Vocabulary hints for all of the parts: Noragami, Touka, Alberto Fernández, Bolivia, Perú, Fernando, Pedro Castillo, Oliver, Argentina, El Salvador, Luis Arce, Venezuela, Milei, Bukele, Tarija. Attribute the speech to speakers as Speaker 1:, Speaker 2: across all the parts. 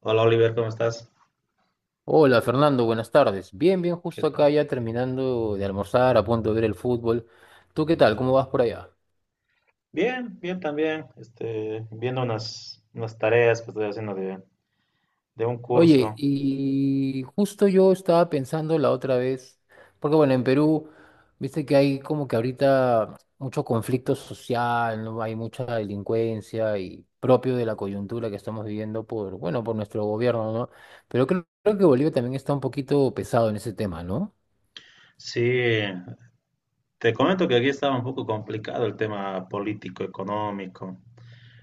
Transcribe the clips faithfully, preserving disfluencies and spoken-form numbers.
Speaker 1: Hola Oliver, ¿cómo estás?
Speaker 2: Hola Fernando, buenas tardes. Bien, bien,
Speaker 1: ¿Qué
Speaker 2: justo
Speaker 1: tal?
Speaker 2: acá ya terminando de almorzar, a punto de ver el fútbol. ¿Tú qué tal? ¿Cómo vas por allá?
Speaker 1: Bien, bien también. Este, viendo unas, unas tareas que estoy haciendo de, de un
Speaker 2: Oye,
Speaker 1: curso.
Speaker 2: y justo yo estaba pensando la otra vez, porque bueno, en Perú, viste que hay como que ahorita mucho conflicto social, ¿no? Hay mucha delincuencia y propio de la coyuntura que estamos viviendo por, bueno, por nuestro gobierno, ¿no? Pero creo, creo que Bolivia también está un poquito pesado en ese tema, ¿no?
Speaker 1: Sí, te comento que aquí estaba un poco complicado el tema político, económico.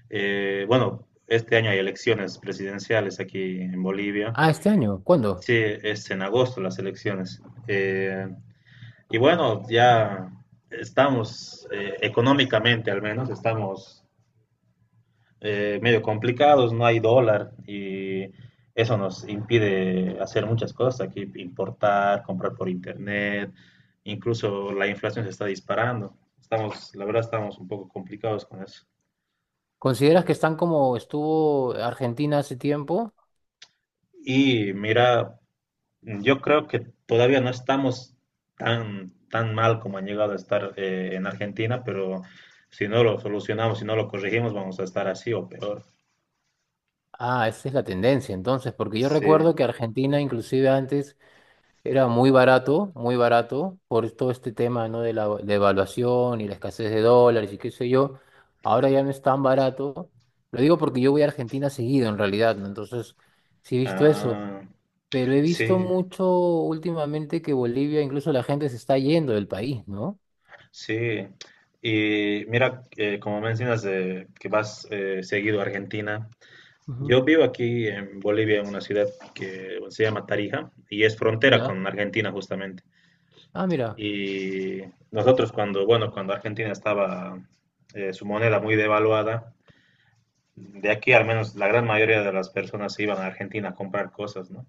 Speaker 1: Eh, bueno, este año hay elecciones presidenciales aquí en Bolivia.
Speaker 2: Ah, este año, ¿cuándo?
Speaker 1: Sí, es en agosto las elecciones. Eh, y bueno, ya estamos eh, económicamente al menos, estamos eh, medio complicados, no hay dólar y eso nos impide hacer muchas cosas aquí, importar, comprar por internet, incluso la inflación se está disparando. Estamos, la verdad, estamos un poco complicados con eso.
Speaker 2: ¿Consideras que están como estuvo Argentina hace tiempo?
Speaker 1: Y mira, yo creo que todavía no estamos tan, tan mal como han llegado a estar eh, en Argentina, pero si no lo solucionamos, si no lo corregimos, vamos a estar así o peor.
Speaker 2: Ah, esa es la tendencia entonces, porque yo
Speaker 1: Sí,
Speaker 2: recuerdo que Argentina inclusive antes era muy barato, muy barato, por todo este tema, ¿no?, de la devaluación y la escasez de dólares y qué sé yo. Ahora ya no es tan barato. Lo digo porque yo voy a Argentina seguido en realidad, ¿no? Entonces, sí he visto eso,
Speaker 1: ah,
Speaker 2: pero he visto
Speaker 1: sí.
Speaker 2: mucho últimamente que Bolivia, incluso la gente se está yendo del país, ¿no?
Speaker 1: Sí, y mira, eh, como mencionas de que vas eh, seguido a Argentina,
Speaker 2: Ujú.
Speaker 1: yo vivo aquí en Bolivia, en una ciudad que se llama Tarija y es frontera con
Speaker 2: ¿Ya?
Speaker 1: Argentina justamente.
Speaker 2: Ah, mira,
Speaker 1: Y nosotros cuando, bueno, cuando Argentina estaba eh, su moneda muy devaluada, de aquí al menos la gran mayoría de las personas se iban a Argentina a comprar cosas, ¿no?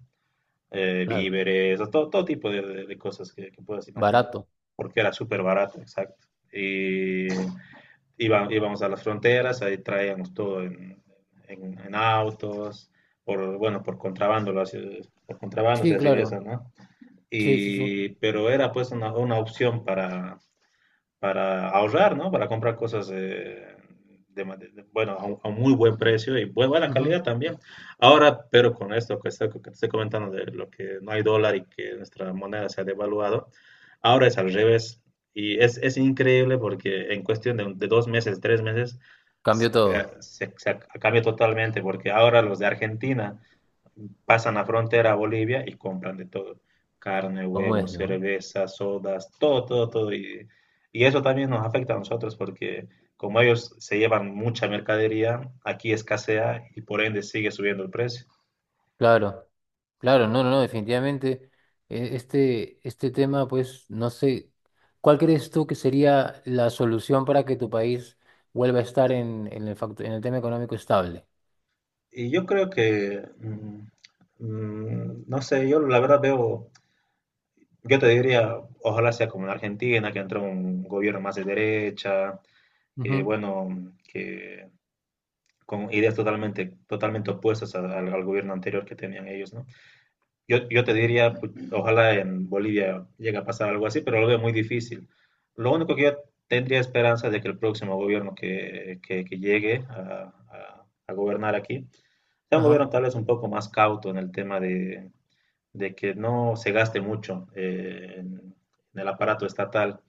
Speaker 1: Eh,
Speaker 2: claro,
Speaker 1: víveres, o todo, todo tipo de, de- de cosas que, que puedas imaginar,
Speaker 2: barato.
Speaker 1: porque era súper barato, exacto. Y Iba- íbamos a las fronteras, ahí traíamos todo en, en- en autos, por, bueno, por contrabando, lo hacía- por contrabando se
Speaker 2: Sí,
Speaker 1: hacía eso,
Speaker 2: claro.
Speaker 1: ¿no?
Speaker 2: Sí, sí, sí.
Speaker 1: Y, pero era pues una, una opción para, para ahorrar, ¿no? Para comprar cosas eh, de, ma- de- bueno, a, un a un muy buen precio y bu- buena
Speaker 2: Ujú.
Speaker 1: calidad también. Ahora, pero con esto que, está- que te estoy comentando de lo que no hay dólar y que nuestra moneda se ha devaluado, ahora es al revés. Y es, es increíble porque en cuestión de, un- de dos meses, tres meses,
Speaker 2: Cambió
Speaker 1: se,
Speaker 2: todo,
Speaker 1: se- se cambia totalmente porque ahora los de Argentina pasan la frontera a Bolivia y compran de todo, carne,
Speaker 2: como es,
Speaker 1: huevos,
Speaker 2: ¿no?
Speaker 1: cerveza, sodas, todo, todo, todo. Y, y eso también nos afecta a nosotros porque como ellos se llevan mucha mercadería, aquí escasea y por ende sigue subiendo el precio.
Speaker 2: Claro, claro, no, no, no, definitivamente. eh, Este, este tema, pues, no sé, ¿cuál crees tú que sería la solución para que tu país vuelva a estar en, en el, fact- en el tema económico estable?
Speaker 1: Y yo creo que, mm, mm, no sé, yo la verdad veo, yo te diría, ojalá sea como en Argentina, que entró un gobierno más de derecha, que
Speaker 2: Ujú.
Speaker 1: bueno, que con ideas totalmente, totalmente opuestas a- al, al gobierno anterior que tenían ellos, ¿no? Yo, yo te diría, pues, ojalá en Bolivia llegue a pasar algo así, pero lo veo muy difícil. Lo único que yo tendría esperanza de que el próximo gobierno que, que, que llegue a, a, a gobernar aquí sea un
Speaker 2: Ajá,
Speaker 1: gobierno tal vez un poco más cauto en el tema de, de que no se gaste mucho eh, en, en el aparato estatal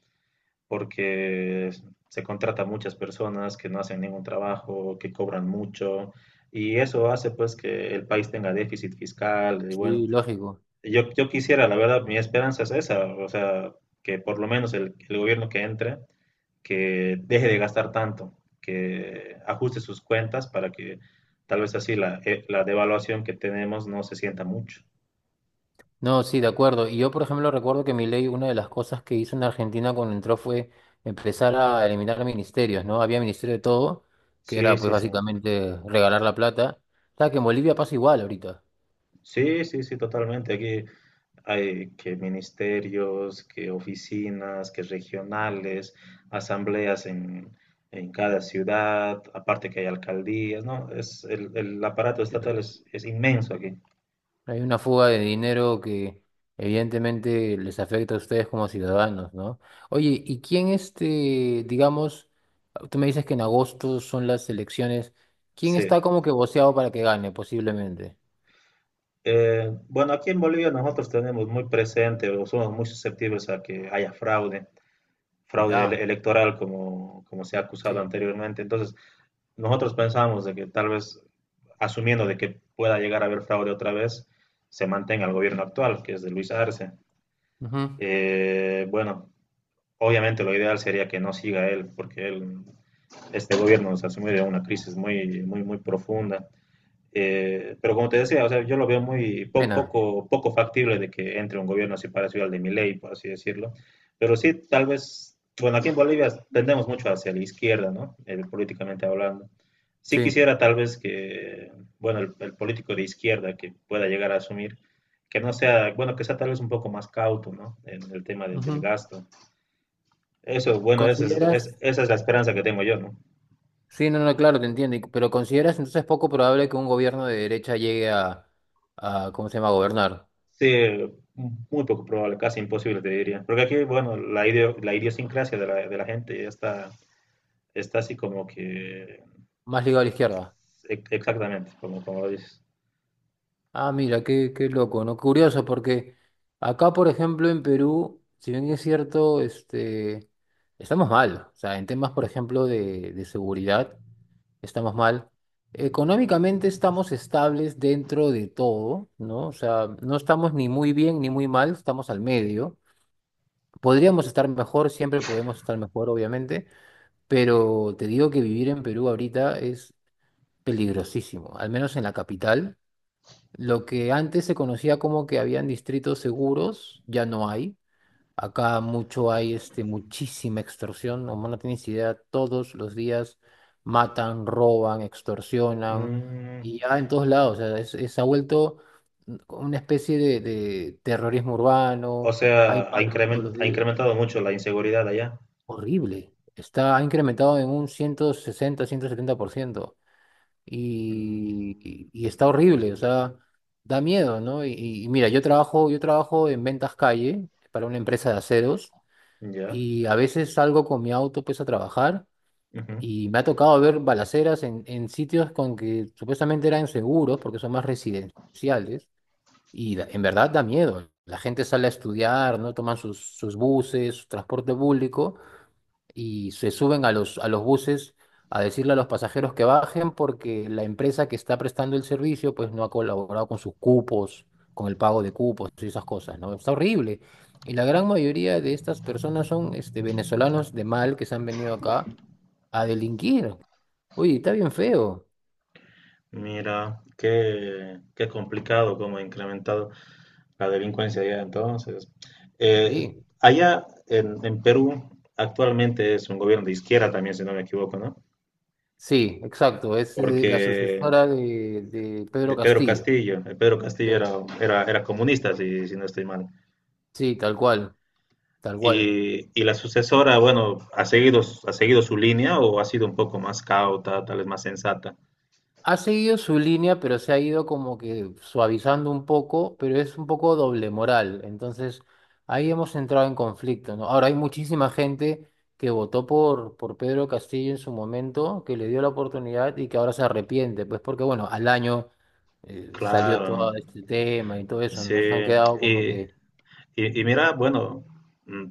Speaker 1: porque se contrata a muchas personas que no hacen ningún trabajo, que cobran mucho, y eso hace pues que el país tenga déficit fiscal, y bueno,
Speaker 2: sí, lógico.
Speaker 1: yo, yo quisiera, la verdad, mi esperanza es esa, o sea, que por lo menos el, el gobierno que entre, que deje de gastar tanto, que ajuste sus cuentas para que tal vez así la, eh, la devaluación que tenemos no se sienta mucho.
Speaker 2: No, sí, de acuerdo. Y yo, por ejemplo, recuerdo que Milei, una de las cosas que hizo en Argentina cuando entró fue empezar a eliminar ministerios, ¿no? Había ministerio de todo, que
Speaker 1: Sí,
Speaker 2: era pues
Speaker 1: sí, sí.
Speaker 2: básicamente regalar la plata. O sea, que en Bolivia pasa igual ahorita.
Speaker 1: Sí, sí, sí, totalmente. Aquí hay que ministerios, que oficinas, que regionales, asambleas en, en cada ciudad, aparte que hay alcaldías, ¿no? Es, el, el aparato estatal
Speaker 2: Entonces,
Speaker 1: es, es inmenso aquí.
Speaker 2: hay una fuga de dinero que evidentemente les afecta a ustedes como ciudadanos, ¿no? Oye, ¿y quién este, digamos, tú me dices que en agosto son las elecciones, ¿quién
Speaker 1: Sí.
Speaker 2: está como que voceado para que gane posiblemente?
Speaker 1: Eh, bueno, aquí en Bolivia nosotros tenemos muy presente o somos muy susceptibles a que haya fraude. fraude ele-
Speaker 2: Ya,
Speaker 1: electoral como, como se ha acusado
Speaker 2: sí.
Speaker 1: anteriormente. Entonces, nosotros pensamos de que tal vez, asumiendo de que pueda llegar a haber fraude otra vez, se mantenga el gobierno actual, que es de Luis Arce.
Speaker 2: Ujú.
Speaker 1: Eh, bueno, obviamente lo ideal sería que no siga él, porque él, este gobierno se asumió de una crisis muy, muy, muy profunda. Eh, pero como te decía, o sea, yo lo veo muy po-
Speaker 2: Pena.
Speaker 1: poco, poco factible de que entre un gobierno así parecido al de Milei, por así decirlo. Pero sí, tal vez, bueno, aquí en Bolivia tendemos mucho hacia la izquierda, ¿no? Eh, políticamente hablando. Sí
Speaker 2: Sí.
Speaker 1: quisiera tal vez que, bueno, el, el político de izquierda que pueda llegar a asumir, que no sea, bueno, que sea tal vez un poco más cauto, ¿no? En el tema de- del
Speaker 2: Ujú.
Speaker 1: gasto. Eso, bueno, esa es, es-
Speaker 2: ¿Consideras?
Speaker 1: esa es la esperanza que tengo yo, ¿no?
Speaker 2: Sí, no, no, claro, te entiendo. y- Pero ¿consideras entonces poco probable que un gobierno de derecha llegue a, a ¿cómo se llama?, gobernar.
Speaker 1: Sí, muy poco probable, casi imposible te diría. Porque aquí, bueno, la, ideo- la idiosincrasia de la, de la gente ya está, está así como que...
Speaker 2: Más ligado a la izquierda.
Speaker 1: e- Exactamente, como, como lo dices.
Speaker 2: Ah, mira, qué, qué loco, ¿no? Curioso, porque acá, por ejemplo, en Perú, si bien es cierto, este, estamos mal. O sea, en temas, por ejemplo, de, de seguridad, estamos mal. Económicamente estamos estables dentro de todo, ¿no? O sea, no estamos ni muy bien ni muy mal, estamos al medio. Podríamos estar mejor, siempre podemos estar mejor, obviamente, pero te digo que vivir en Perú ahorita es peligrosísimo, al menos en la capital. Lo que antes se conocía como que habían distritos seguros, ya no hay. Acá mucho hay este, muchísima extorsión, no, no tienes idea, todos los días matan, roban, extorsionan,
Speaker 1: Mm,
Speaker 2: y ya en todos lados, o sea, es- es- se ha vuelto mm, una especie de, de terrorismo
Speaker 1: o
Speaker 2: urbano, hay
Speaker 1: sea, ha,
Speaker 2: paros todos
Speaker 1: incremen-
Speaker 2: los
Speaker 1: ha
Speaker 2: días.
Speaker 1: incrementado mucho la inseguridad allá.
Speaker 2: Horrible. Está, ha incrementado en un ciento sesenta, ciento setenta por ciento. Y,
Speaker 1: Mm,
Speaker 2: y, y está horrible, o sea, da miedo, ¿no? Y, y mira, yo trabajo, yo trabajo en ventas calle para una empresa de aceros
Speaker 1: ya.
Speaker 2: y a veces salgo con mi auto pues a trabajar
Speaker 1: Ujú.
Speaker 2: y me ha tocado ver balaceras en, en sitios con que supuestamente eran seguros porque son más residenciales y da- en verdad da miedo. La gente sale a estudiar, ¿no? Toman sus, sus buses, su transporte público y se suben a los, a los buses a decirle a los pasajeros que bajen porque la empresa que está prestando el servicio pues no ha colaborado con sus cupos, con el pago de cupos y esas cosas, ¿no? Está horrible. Y la gran mayoría de estas personas son este, venezolanos de mal que se han venido acá a delinquir. Oye, está bien feo.
Speaker 1: Mira, qué, qué complicado cómo ha incrementado la delincuencia allá entonces. Eh,
Speaker 2: Sí,
Speaker 1: Allá en, en Perú actualmente es un gobierno de izquierda también, si no me equivoco, ¿no?
Speaker 2: sí, exacto. Es eh, la
Speaker 1: Porque
Speaker 2: sucesora de, de
Speaker 1: de
Speaker 2: Pedro
Speaker 1: Pedro
Speaker 2: Castillo.
Speaker 1: Castillo, el Pedro Castillo
Speaker 2: Sí,
Speaker 1: era, era, era comunista, si, si no estoy mal.
Speaker 2: sí, tal cual, tal cual.
Speaker 1: Y, y, la sucesora, bueno, ha seguido, ha seguido su línea o ha sido un poco más cauta, tal vez más sensata.
Speaker 2: Ha seguido su línea, pero se ha ido como que suavizando un poco, pero es un poco doble moral. Entonces, ahí hemos entrado en conflicto, ¿no? Ahora hay muchísima gente que votó por, por Pedro Castillo en su momento, que le dio la oportunidad y que ahora se arrepiente, pues porque, bueno, al año eh, salió
Speaker 1: Claro,
Speaker 2: todo este tema y todo eso,
Speaker 1: sí.
Speaker 2: nos han quedado como
Speaker 1: Y,
Speaker 2: que,
Speaker 1: y, y mira, bueno, mm,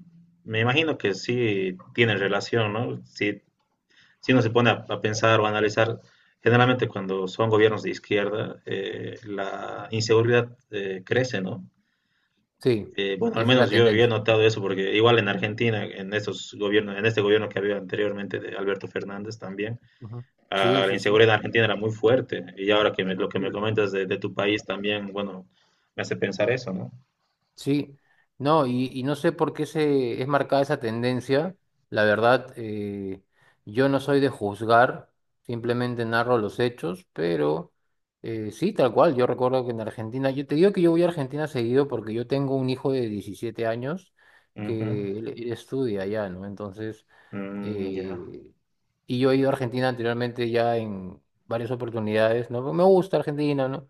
Speaker 1: me imagino que sí tienen relación, ¿no? Si, si uno se pone a, a pensar o a analizar, generalmente cuando son gobiernos de izquierda, eh, la inseguridad eh, crece, ¿no?
Speaker 2: sí,
Speaker 1: Eh, bueno, al
Speaker 2: esa es
Speaker 1: menos
Speaker 2: la
Speaker 1: yo, yo he
Speaker 2: tendencia.
Speaker 1: notado eso porque igual en Argentina, en estos gobiernos, en este gobierno que había anteriormente de Alberto Fernández también,
Speaker 2: Ujú.
Speaker 1: ah,
Speaker 2: Sí,
Speaker 1: la
Speaker 2: sí, sí,
Speaker 1: inseguridad en Argentina era muy fuerte. Y ahora que me- lo que me
Speaker 2: horrible.
Speaker 1: comentas de, de tu país también, bueno, me hace pensar eso, ¿no?
Speaker 2: Sí, no, y, y no sé por qué se es marcada esa tendencia. La verdad, eh, yo no soy de juzgar, simplemente narro los hechos, pero eh, sí, tal cual. Yo recuerdo que en Argentina, yo te digo que yo voy a Argentina seguido porque yo tengo un hijo de diecisiete años
Speaker 1: Ujú.
Speaker 2: que él, él estudia allá, ¿no? Entonces,
Speaker 1: Mm, ya.
Speaker 2: eh, y yo he ido a Argentina anteriormente ya en varias oportunidades, ¿no? Me gusta Argentina, ¿no?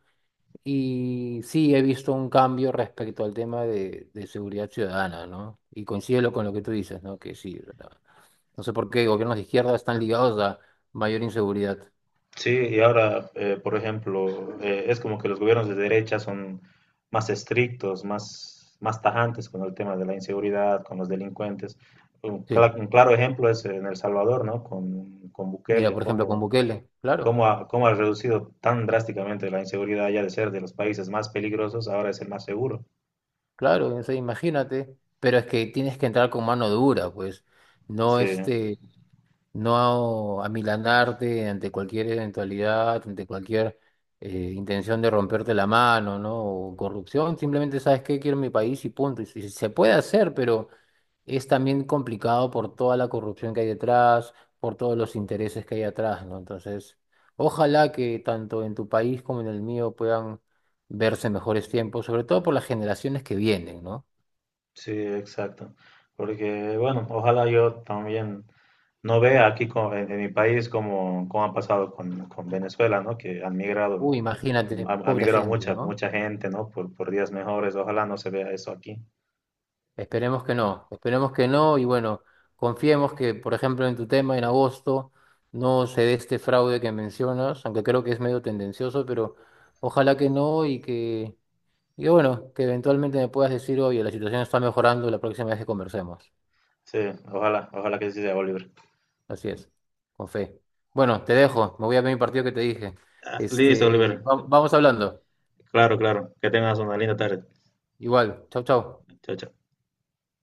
Speaker 2: Y sí, he visto un cambio respecto al tema de, de seguridad ciudadana, ¿no? Y coincido con lo que tú dices, ¿no? Que sí, o sea, no sé por qué gobiernos de izquierda están ligados a mayor inseguridad.
Speaker 1: Sí, y ahora, eh, por ejemplo, eh, es como que los gobiernos de derecha son más estrictos, más, más tajantes con el tema de la inseguridad, con los delincuentes. Un,
Speaker 2: Sí,
Speaker 1: cla- un claro ejemplo es en El Salvador, ¿no? Con, con
Speaker 2: mira,
Speaker 1: Bukele,
Speaker 2: por ejemplo, con
Speaker 1: cómo,
Speaker 2: Bukele, claro,
Speaker 1: cómo ha, cómo ha reducido tan drásticamente la inseguridad ya de ser de los países más peligrosos, ahora es el más seguro.
Speaker 2: claro, o sea, imagínate, pero es que tienes que entrar con mano dura, pues, no
Speaker 1: Sí.
Speaker 2: este, no amilanarte ante cualquier eventualidad, ante cualquier eh, intención de romperte la mano, ¿no? O corrupción, simplemente sabes que quiero mi país y punto. Y si- se puede hacer, pero es también complicado por toda la corrupción que hay detrás, por todos los intereses que hay atrás, ¿no? Entonces, ojalá que tanto en tu país como en el mío puedan verse mejores tiempos, sobre todo por las generaciones que vienen, ¿no?
Speaker 1: Sí, exacto. Porque, bueno, ojalá yo también no vea aquí co- en, en mi país como, como ha pasado con, con Venezuela, ¿no? Que han migrado,
Speaker 2: Uy, imagínate,
Speaker 1: ha, ha
Speaker 2: pobre
Speaker 1: migrado
Speaker 2: gente,
Speaker 1: mucha,
Speaker 2: ¿no?
Speaker 1: mucha gente, ¿no? Por, por días mejores. Ojalá no se vea eso aquí.
Speaker 2: Esperemos que no, esperemos que no y bueno, confiemos que, por ejemplo, en tu tema en agosto no se dé este fraude que mencionas, aunque creo que es medio tendencioso, pero ojalá que no y que, y bueno, que eventualmente me puedas decir, oye, la situación está mejorando la próxima vez que conversemos.
Speaker 1: Sí, ojalá, ojalá que sí sea, Oliver.
Speaker 2: Así es, con fe. Bueno, te dejo, me voy a ver mi partido que te dije.
Speaker 1: Ah, listo,
Speaker 2: Este,
Speaker 1: Oliver.
Speaker 2: va- vamos hablando.
Speaker 1: Claro, claro. Que tengas una linda tarde.
Speaker 2: Igual, chau, chau.
Speaker 1: Chao, chao.